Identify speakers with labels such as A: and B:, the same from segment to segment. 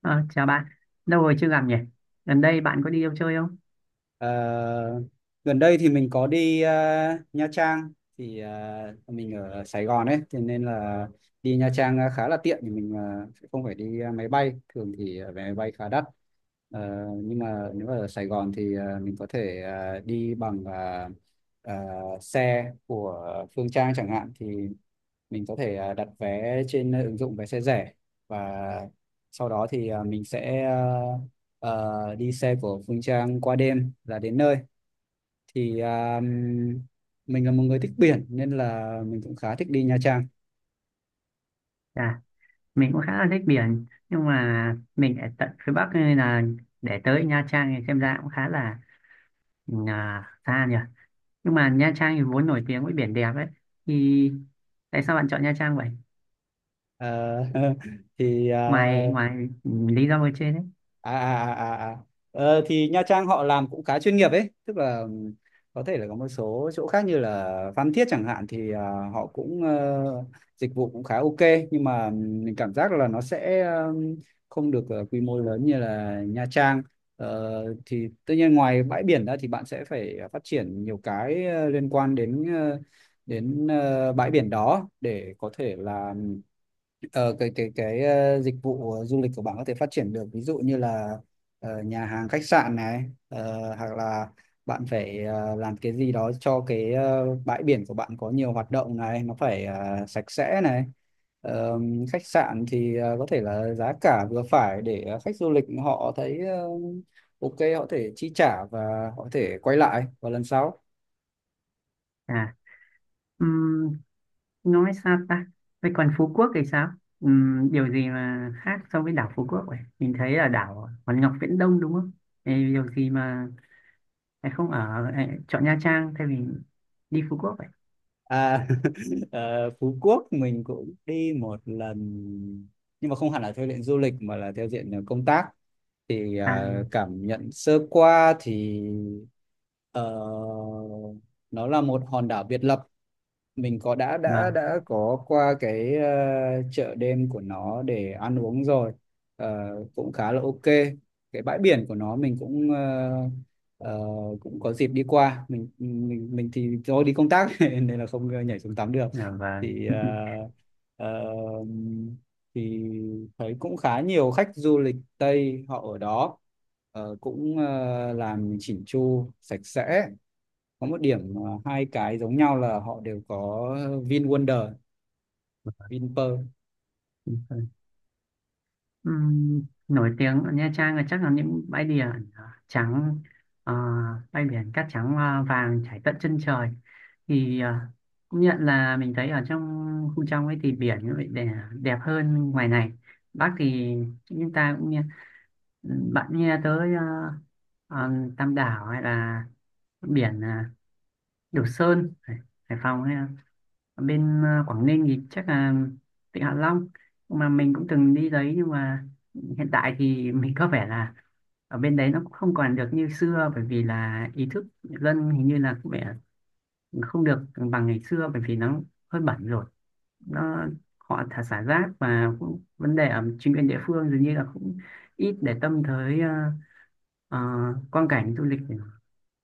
A: Ờ, Chào bạn, lâu rồi chưa gặp nhỉ? Gần đây bạn có đi đâu chơi không?
B: Ờ, Gần đây thì mình có đi Nha Trang, thì mình ở Sài Gòn ấy, thế nên là đi Nha Trang khá là tiện, thì mình sẽ không phải đi máy bay, thường thì vé máy bay khá đắt. Nhưng mà nếu mà ở Sài Gòn thì mình có thể đi bằng ờ, xe của Phương Trang chẳng hạn, thì mình có thể đặt vé trên ứng dụng Vé Xe Rẻ, và sau đó thì mình sẽ đi xe của Phương Trang qua đêm là đến nơi. Thì mình là một người thích biển nên là mình cũng khá thích đi Nha Trang.
A: À, mình cũng khá là thích biển, nhưng mà mình ở tận phía Bắc nên là để tới Nha Trang thì xem ra cũng khá là xa nhỉ. Nhưng mà Nha Trang thì vốn nổi tiếng với biển đẹp ấy, thì tại sao bạn chọn Nha Trang vậy?
B: Ờ, thì
A: Ngoài ngoài ừ, lý do ở trên đấy.
B: à, à, à, à, à. Thì Nha Trang họ làm cũng khá chuyên nghiệp ấy, tức là có thể là có một số chỗ khác như là Phan Thiết chẳng hạn, thì họ cũng, dịch vụ cũng khá ok, nhưng mà mình cảm giác là nó sẽ không được quy mô lớn như là Nha Trang. Thì tất nhiên ngoài bãi biển ra thì bạn sẽ phải phát triển nhiều cái liên quan đến bãi biển đó, để có thể là cái dịch vụ du lịch của bạn có thể phát triển được, ví dụ như là nhà hàng khách sạn này, hoặc là bạn phải làm cái gì đó cho cái bãi biển của bạn có nhiều hoạt động này, nó phải sạch sẽ này. Ờ, Khách sạn thì có thể là giá cả vừa phải để khách du lịch họ thấy ok, họ có thể chi trả và họ có thể quay lại vào lần sau.
A: À, ừm, nói sao ta? Vậy còn Phú Quốc thì sao? Điều gì mà khác so với đảo Phú Quốc vậy? Mình thấy là đảo Hòn Ngọc Viễn Đông đúng không? Ê, điều gì mà em không ở em chọn Nha Trang thay vì đi Phú Quốc vậy?
B: À, Phú Quốc mình cũng đi một lần, nhưng mà không hẳn là theo diện du lịch mà là theo diện công tác. Thì
A: À,
B: cảm nhận sơ qua thì ờ, nó là một hòn đảo biệt lập. Mình có đã đã
A: vâng.
B: đã có qua cái chợ đêm của nó để ăn uống rồi. Ờ, Cũng khá là ok. Cái bãi biển của nó mình cũng ờ, cũng có dịp đi qua. Mình thì do đi công tác nên là không nhảy xuống tắm được.
A: Dạ vâng.
B: thì ờ, ờ, thì thấy cũng khá nhiều khách du lịch Tây họ ở đó. Cũng làm chỉnh chu sạch sẽ. Có một điểm hai cái giống nhau là họ đều có Vin Wonder, Vinpearl.
A: Đúng rồi. Ừm, nổi tiếng ở Nha Trang là chắc là những bãi biển trắng, ờ, bãi biển cát trắng vàng trải tận chân trời thì công nhận là mình thấy ở trong khu trong ấy thì biển nó lại đẹp hơn ngoài này. Bác thì chúng ta cũng nghe bạn nghe tới ờ, Tam Đảo hay là biển Đồ Sơn Hải, Hải Phòng ấy. Ở bên Quảng Ninh thì chắc là Vịnh Hạ Long mà mình cũng từng đi đấy, nhưng mà hiện tại thì mình có vẻ là ở bên đấy nó cũng không còn được như xưa, bởi vì là ý thức dân hình như là cũng vẻ không được bằng ngày xưa, bởi vì nó hơi bẩn rồi, nó họ thả xả rác và cũng vấn đề ở chính quyền địa phương dường như là cũng ít để tâm tới ờ, quang cảnh du lịch của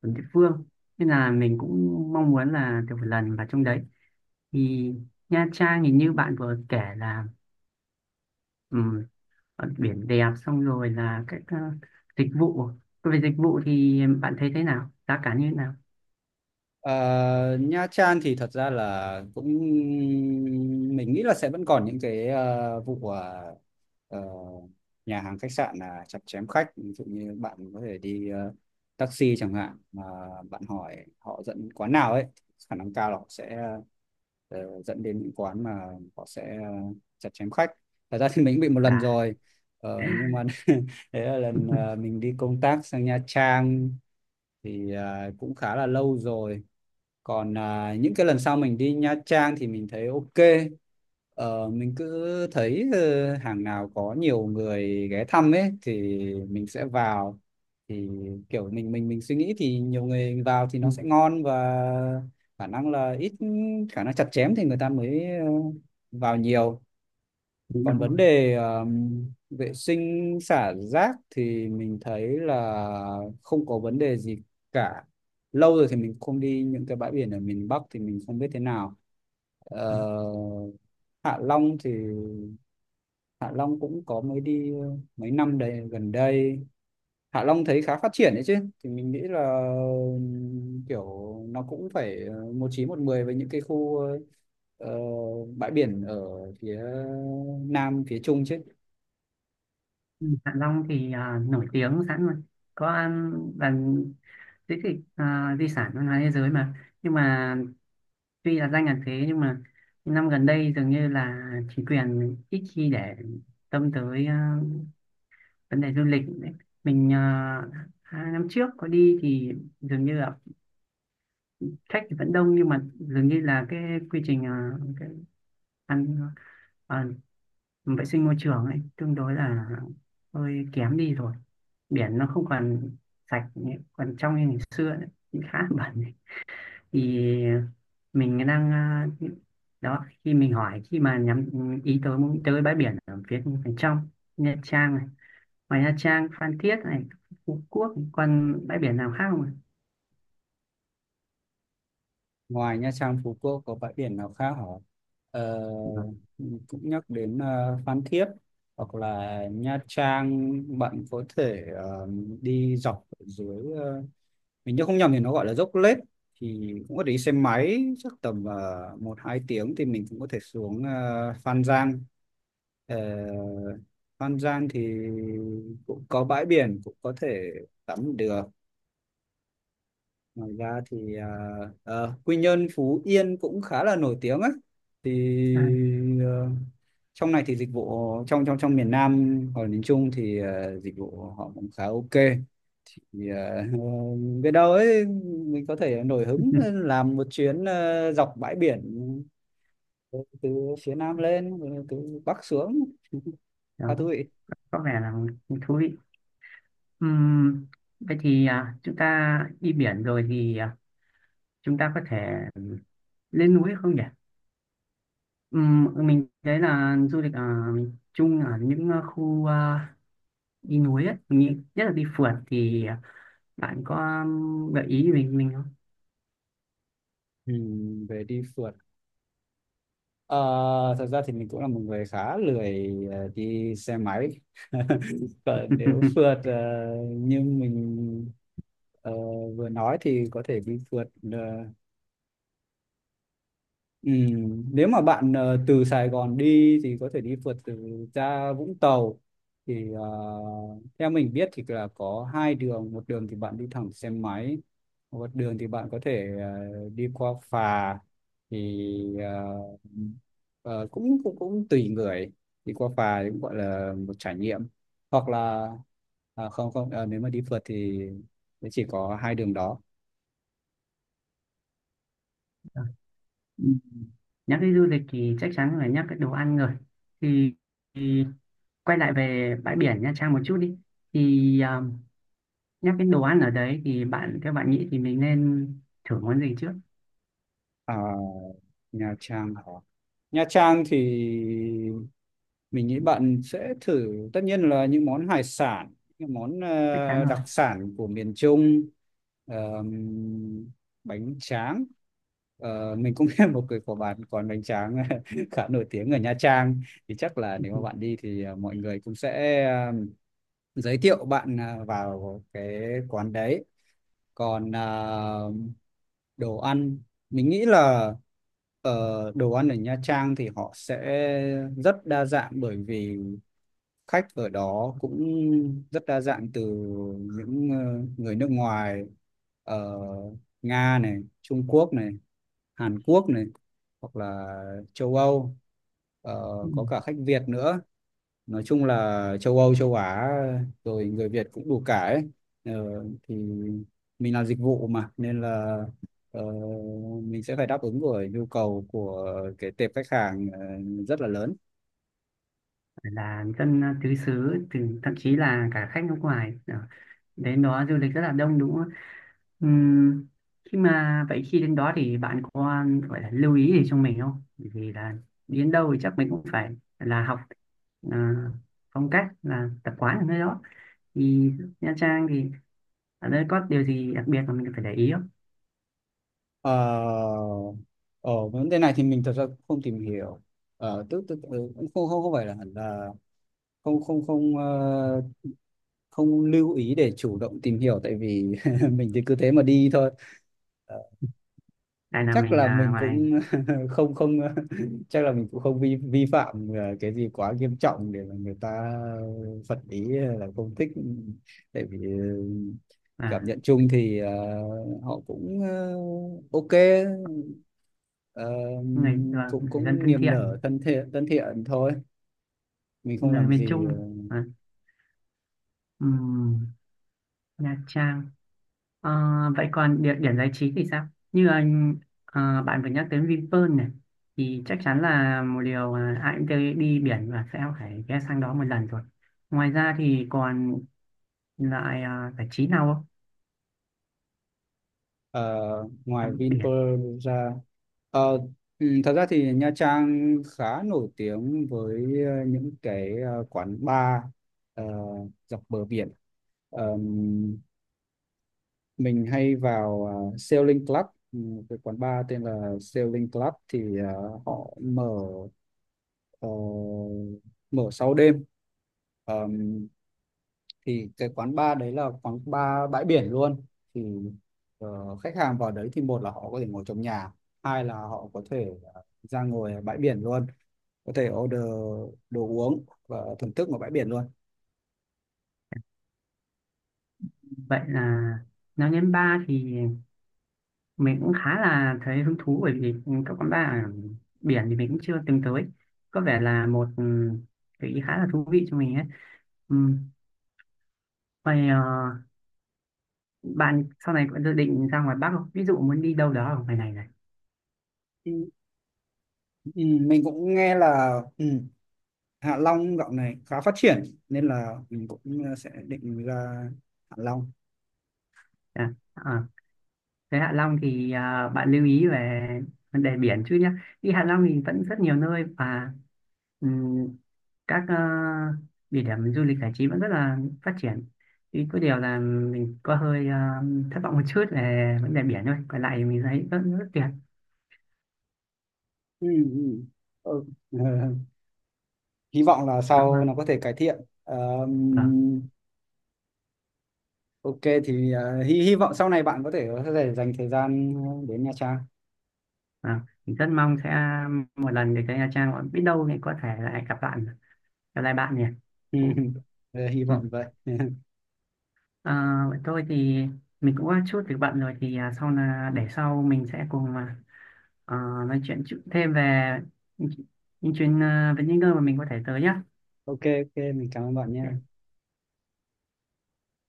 A: địa phương, nên là mình cũng mong muốn là được một lần vào trong đấy. Thì Nha Trang thì như bạn vừa kể là ừm, biển đẹp, xong rồi là các dịch vụ. Về dịch vụ thì bạn thấy thế nào, giá cả như thế nào?
B: Ờ, Nha Trang thì thật ra là cũng, mình nghĩ là sẽ vẫn còn những cái vụ ờ, nhà hàng khách sạn là chặt chém khách, ví dụ như bạn có thể đi taxi chẳng hạn, mà bạn hỏi họ dẫn quán nào ấy, khả năng cao là họ sẽ dẫn đến những quán mà họ sẽ chặt chém khách. Thật ra thì mình cũng bị một lần
A: Cả.
B: rồi. Nhưng mà đấy là lần mình đi công tác sang Nha Trang, thì cũng khá là lâu rồi. Còn những cái lần sau mình đi Nha Trang thì mình thấy ok. Mình cứ thấy hàng nào có nhiều người ghé thăm ấy thì mình sẽ vào. Thì kiểu mình suy nghĩ thì nhiều người vào thì nó sẽ ngon, và khả năng là ít khả năng chặt chém thì người ta mới vào nhiều.
A: Đúng, đúng
B: Còn
A: rồi.
B: vấn đề vệ sinh xả rác thì mình thấy là không có vấn đề gì cả. Lâu rồi thì mình không đi những cái bãi biển ở miền Bắc thì mình không biết thế nào. Ờ, Hạ Long thì Hạ Long cũng có mới đi mấy năm đây gần đây. Hạ Long thấy khá phát triển đấy chứ. Thì mình nghĩ là kiểu nó cũng phải một chín một mười với những cái khu ờ, bãi biển ở phía Nam, phía Trung chứ.
A: Ừ, Hạ Long thì à, nổi tiếng sẵn rồi, có ăn bạn di tích à, di sản văn hóa thế giới mà. Nhưng mà tuy là danh là thế, nhưng mà những năm gần đây dường như là chính quyền ít khi để tâm tới à, vấn đề du lịch đấy. Mình 2 năm trước có đi thì dường như là khách thì vẫn đông, nhưng mà dường như là cái quy trình cái ăn ờ, vệ sinh môi trường ấy tương đối là hơi kém đi rồi. Biển nó không còn sạch nữa, còn trong như ngày xưa nữa, cũng khá là bẩn ấy. Thì mình đang ờ, đó khi mình hỏi khi mà nhắm ý tới muốn tới bãi biển ở phía bên trong Nha Trang này, ngoài Nha Trang, Phan Thiết này, Phú Quốc còn bãi biển nào khác không ạ?
B: Ngoài Nha Trang, Phú Quốc có bãi biển nào khác hả? Ờ,
A: Vâng.
B: Cũng nhắc đến Phan Thiết hoặc là Nha Trang, bạn có thể đi dọc ở dưới. Ờ, mình nhớ không nhầm thì nó gọi là Dốc Lết. Thì cũng có thể đi xe máy chắc tầm một hai tiếng, thì mình cũng có thể xuống Phan Giang. Ờ, Phan Giang thì cũng có bãi biển, cũng có thể tắm được. Ngoài ra thì Quy Nhơn, Phú Yên cũng khá là nổi tiếng ấy. Thì
A: À,
B: ờ, trong này thì dịch vụ trong trong trong miền Nam hoặc là miền Trung thì dịch vụ họ cũng khá ok. Thì biết đâu ấy mình có thể nổi hứng làm một chuyến dọc bãi biển, từ từ phía Nam lên, từ Bắc xuống khá
A: đó
B: thú vị.
A: có vẻ là thú vị. Ừm, vậy thì à, chúng ta đi biển rồi thì à, chúng ta có thể lên núi không nhỉ? Mình thấy là du lịch ở miền Trung ở những khu đi núi ấy, mình nghĩ nhất là đi phượt thì bạn có gợi ý mình không?
B: Ừ, về đi phượt. Ờ, Thật ra thì mình cũng là một người khá lười đi xe máy. Còn nếu phượt như mình ờ, vừa nói thì có thể đi phượt. ờ, Nếu mà bạn từ Sài Gòn đi thì có thể đi phượt từ, ra Vũng Tàu. Thì theo mình biết thì là có hai đường, một đường thì bạn đi thẳng xe máy, một đường thì bạn có thể đi qua phà. Thì ờ, Ờ, cũng cũng cũng tùy người. Thì qua phà thì cũng gọi là một trải nghiệm. Hoặc là à, không không ờ, nếu mà đi phượt thì chỉ có hai đường đó.
A: Ừ. Nhắc đến du lịch thì chắc chắn phải nhắc cái đồ ăn rồi thì, thì quay lại về bãi biển Nha Trang một chút đi. Thì à, nhắc đến đồ ăn ở đấy thì bạn theo bạn nghĩ thì mình nên thử món gì trước?
B: à, Nha Trang Nha Trang thì mình nghĩ bạn sẽ thử tất nhiên là những món hải sản, những món
A: Chắc chắn rồi.
B: đặc sản của miền Trung, ờm, bánh tráng. Mình cũng biết một cái của bạn còn bánh tráng khá nổi tiếng ở Nha Trang. Thì chắc là nếu mà bạn đi thì mọi người cũng sẽ giới thiệu bạn vào cái quán đấy. Còn đồ ăn, mình nghĩ là đồ ăn ở Nha Trang thì họ sẽ rất đa dạng, bởi vì khách ở đó cũng rất đa dạng, từ những người nước ngoài ở Nga này, Trung Quốc này, Hàn Quốc này, hoặc là châu Âu. Ờ,
A: Ừ.
B: có cả khách Việt nữa, nói chung là châu Âu, châu Á, rồi người Việt cũng đủ cả ấy. ờ, thì mình làm dịch vụ mà nên là ờ, mình sẽ phải đáp ứng rồi nhu cầu của cái tệp khách hàng rất là lớn.
A: Phải là dân tứ xứ, từ thậm chí là cả khách nước ngoài. Ờ, đến đó du lịch rất là đông đúng không? Ừm, khi mà vậy khi đến đó thì bạn có gọi là lưu ý gì cho mình không? Bởi vì là đến đâu thì chắc mình cũng phải là học à, phong cách là tập quán ở nơi đó. Thì Nha Trang thì ở đây có điều gì đặc biệt mà mình phải để ý không?
B: Ờ, Ở vấn đề này thì mình thật ra cũng không tìm hiểu. Ờ, tức tức ừ, Cũng không không không phải là hẳn là không không không ờ, không lưu ý để chủ động tìm hiểu, tại vì mình thì cứ thế mà đi thôi.
A: Tại là
B: Chắc
A: mình
B: là
A: à,
B: mình
A: ngoài
B: cũng không không chắc là mình cũng không vi vi phạm cái gì quá nghiêm trọng để mà người ta phật ý là không thích. Tại vì cảm
A: à,
B: nhận chung thì họ cũng ok, ờ,
A: người, là
B: cũng
A: người dân
B: cũng
A: thân
B: niềm nở,
A: thiện,
B: thân thiện thôi, mình không
A: người
B: làm
A: miền
B: gì
A: Trung, à, ừm, Nha Trang. Ờ, vậy còn địa điểm giải trí thì sao? Như anh bạn vừa nhắc đến Vinpearl này thì chắc chắn là một điều mà ai cũng tới đi biển và sẽ phải ghé sang đó một lần rồi. Ngoài ra thì còn lại giải trí nào không?
B: ờ, ngoài
A: Tắm biển.
B: Vinpearl ra. Ờ, Thật ra thì Nha Trang khá nổi tiếng với những cái quán bar ờ, dọc bờ biển. Ờm, mình hay vào Sailing Club, ừ, cái quán bar tên là Sailing Club thì họ mở ờ, mở sau đêm. Ờm, thì cái quán bar đấy là quán bar bãi biển luôn. Thì khách hàng vào đấy thì một là họ có thể ngồi trong nhà, hai là họ có thể ra ngồi ở bãi biển luôn, có thể order đồ uống và thưởng thức ở bãi biển luôn.
A: Vậy là nói đến bar thì mình cũng khá là thấy hứng thú, bởi vì các quán bar ở biển thì mình cũng chưa từng tới. Có vẻ là một ừ, gợi ý khá là thú vị cho mình ấy. Ừ. Vậy bạn sau này có dự định ra ngoài Bắc không? Ví dụ muốn đi đâu đó ở ngoài này này.
B: Ừ, ừ, mình cũng nghe là Hạ Long dạo này khá phát triển, nên là mình cũng sẽ định ra Hạ Long.
A: À, à, thế Hạ Long thì à, bạn lưu ý về vấn đề biển chứ nhé. Đi Hạ Long thì vẫn rất nhiều nơi và ừm, các địa điểm du lịch giải trí vẫn rất là phát triển. Thì có điều là mình có hơi thất vọng một chút về vấn đề biển thôi. Còn lại thì mình thấy rất rất tuyệt.
B: Ừ, ừ. Ừ. Hy vọng là
A: À,
B: sau
A: vâng,
B: nó có thể cải thiện. Ờ,
A: vâng,
B: Ok, thì hy hy vọng sau này bạn có thể dành thời gian đến Nha Trang.
A: vâng. Mình rất mong sẽ một lần được tới Nha Trang. Biết đâu thì có thể lại gặp bạn, gặp lại bạn nhỉ.
B: Hy
A: Ừ.
B: vọng vậy.
A: À, vậy tôi thì mình cũng có chút việc bận rồi thì à, sau là để sau mình sẽ cùng à, à, nói chuyện chút thêm về những, chuyện những chuyến à, về những nơi mà mình có thể tới nhá.
B: Ok, ok, mình cảm ơn bạn
A: Ok.
B: nha.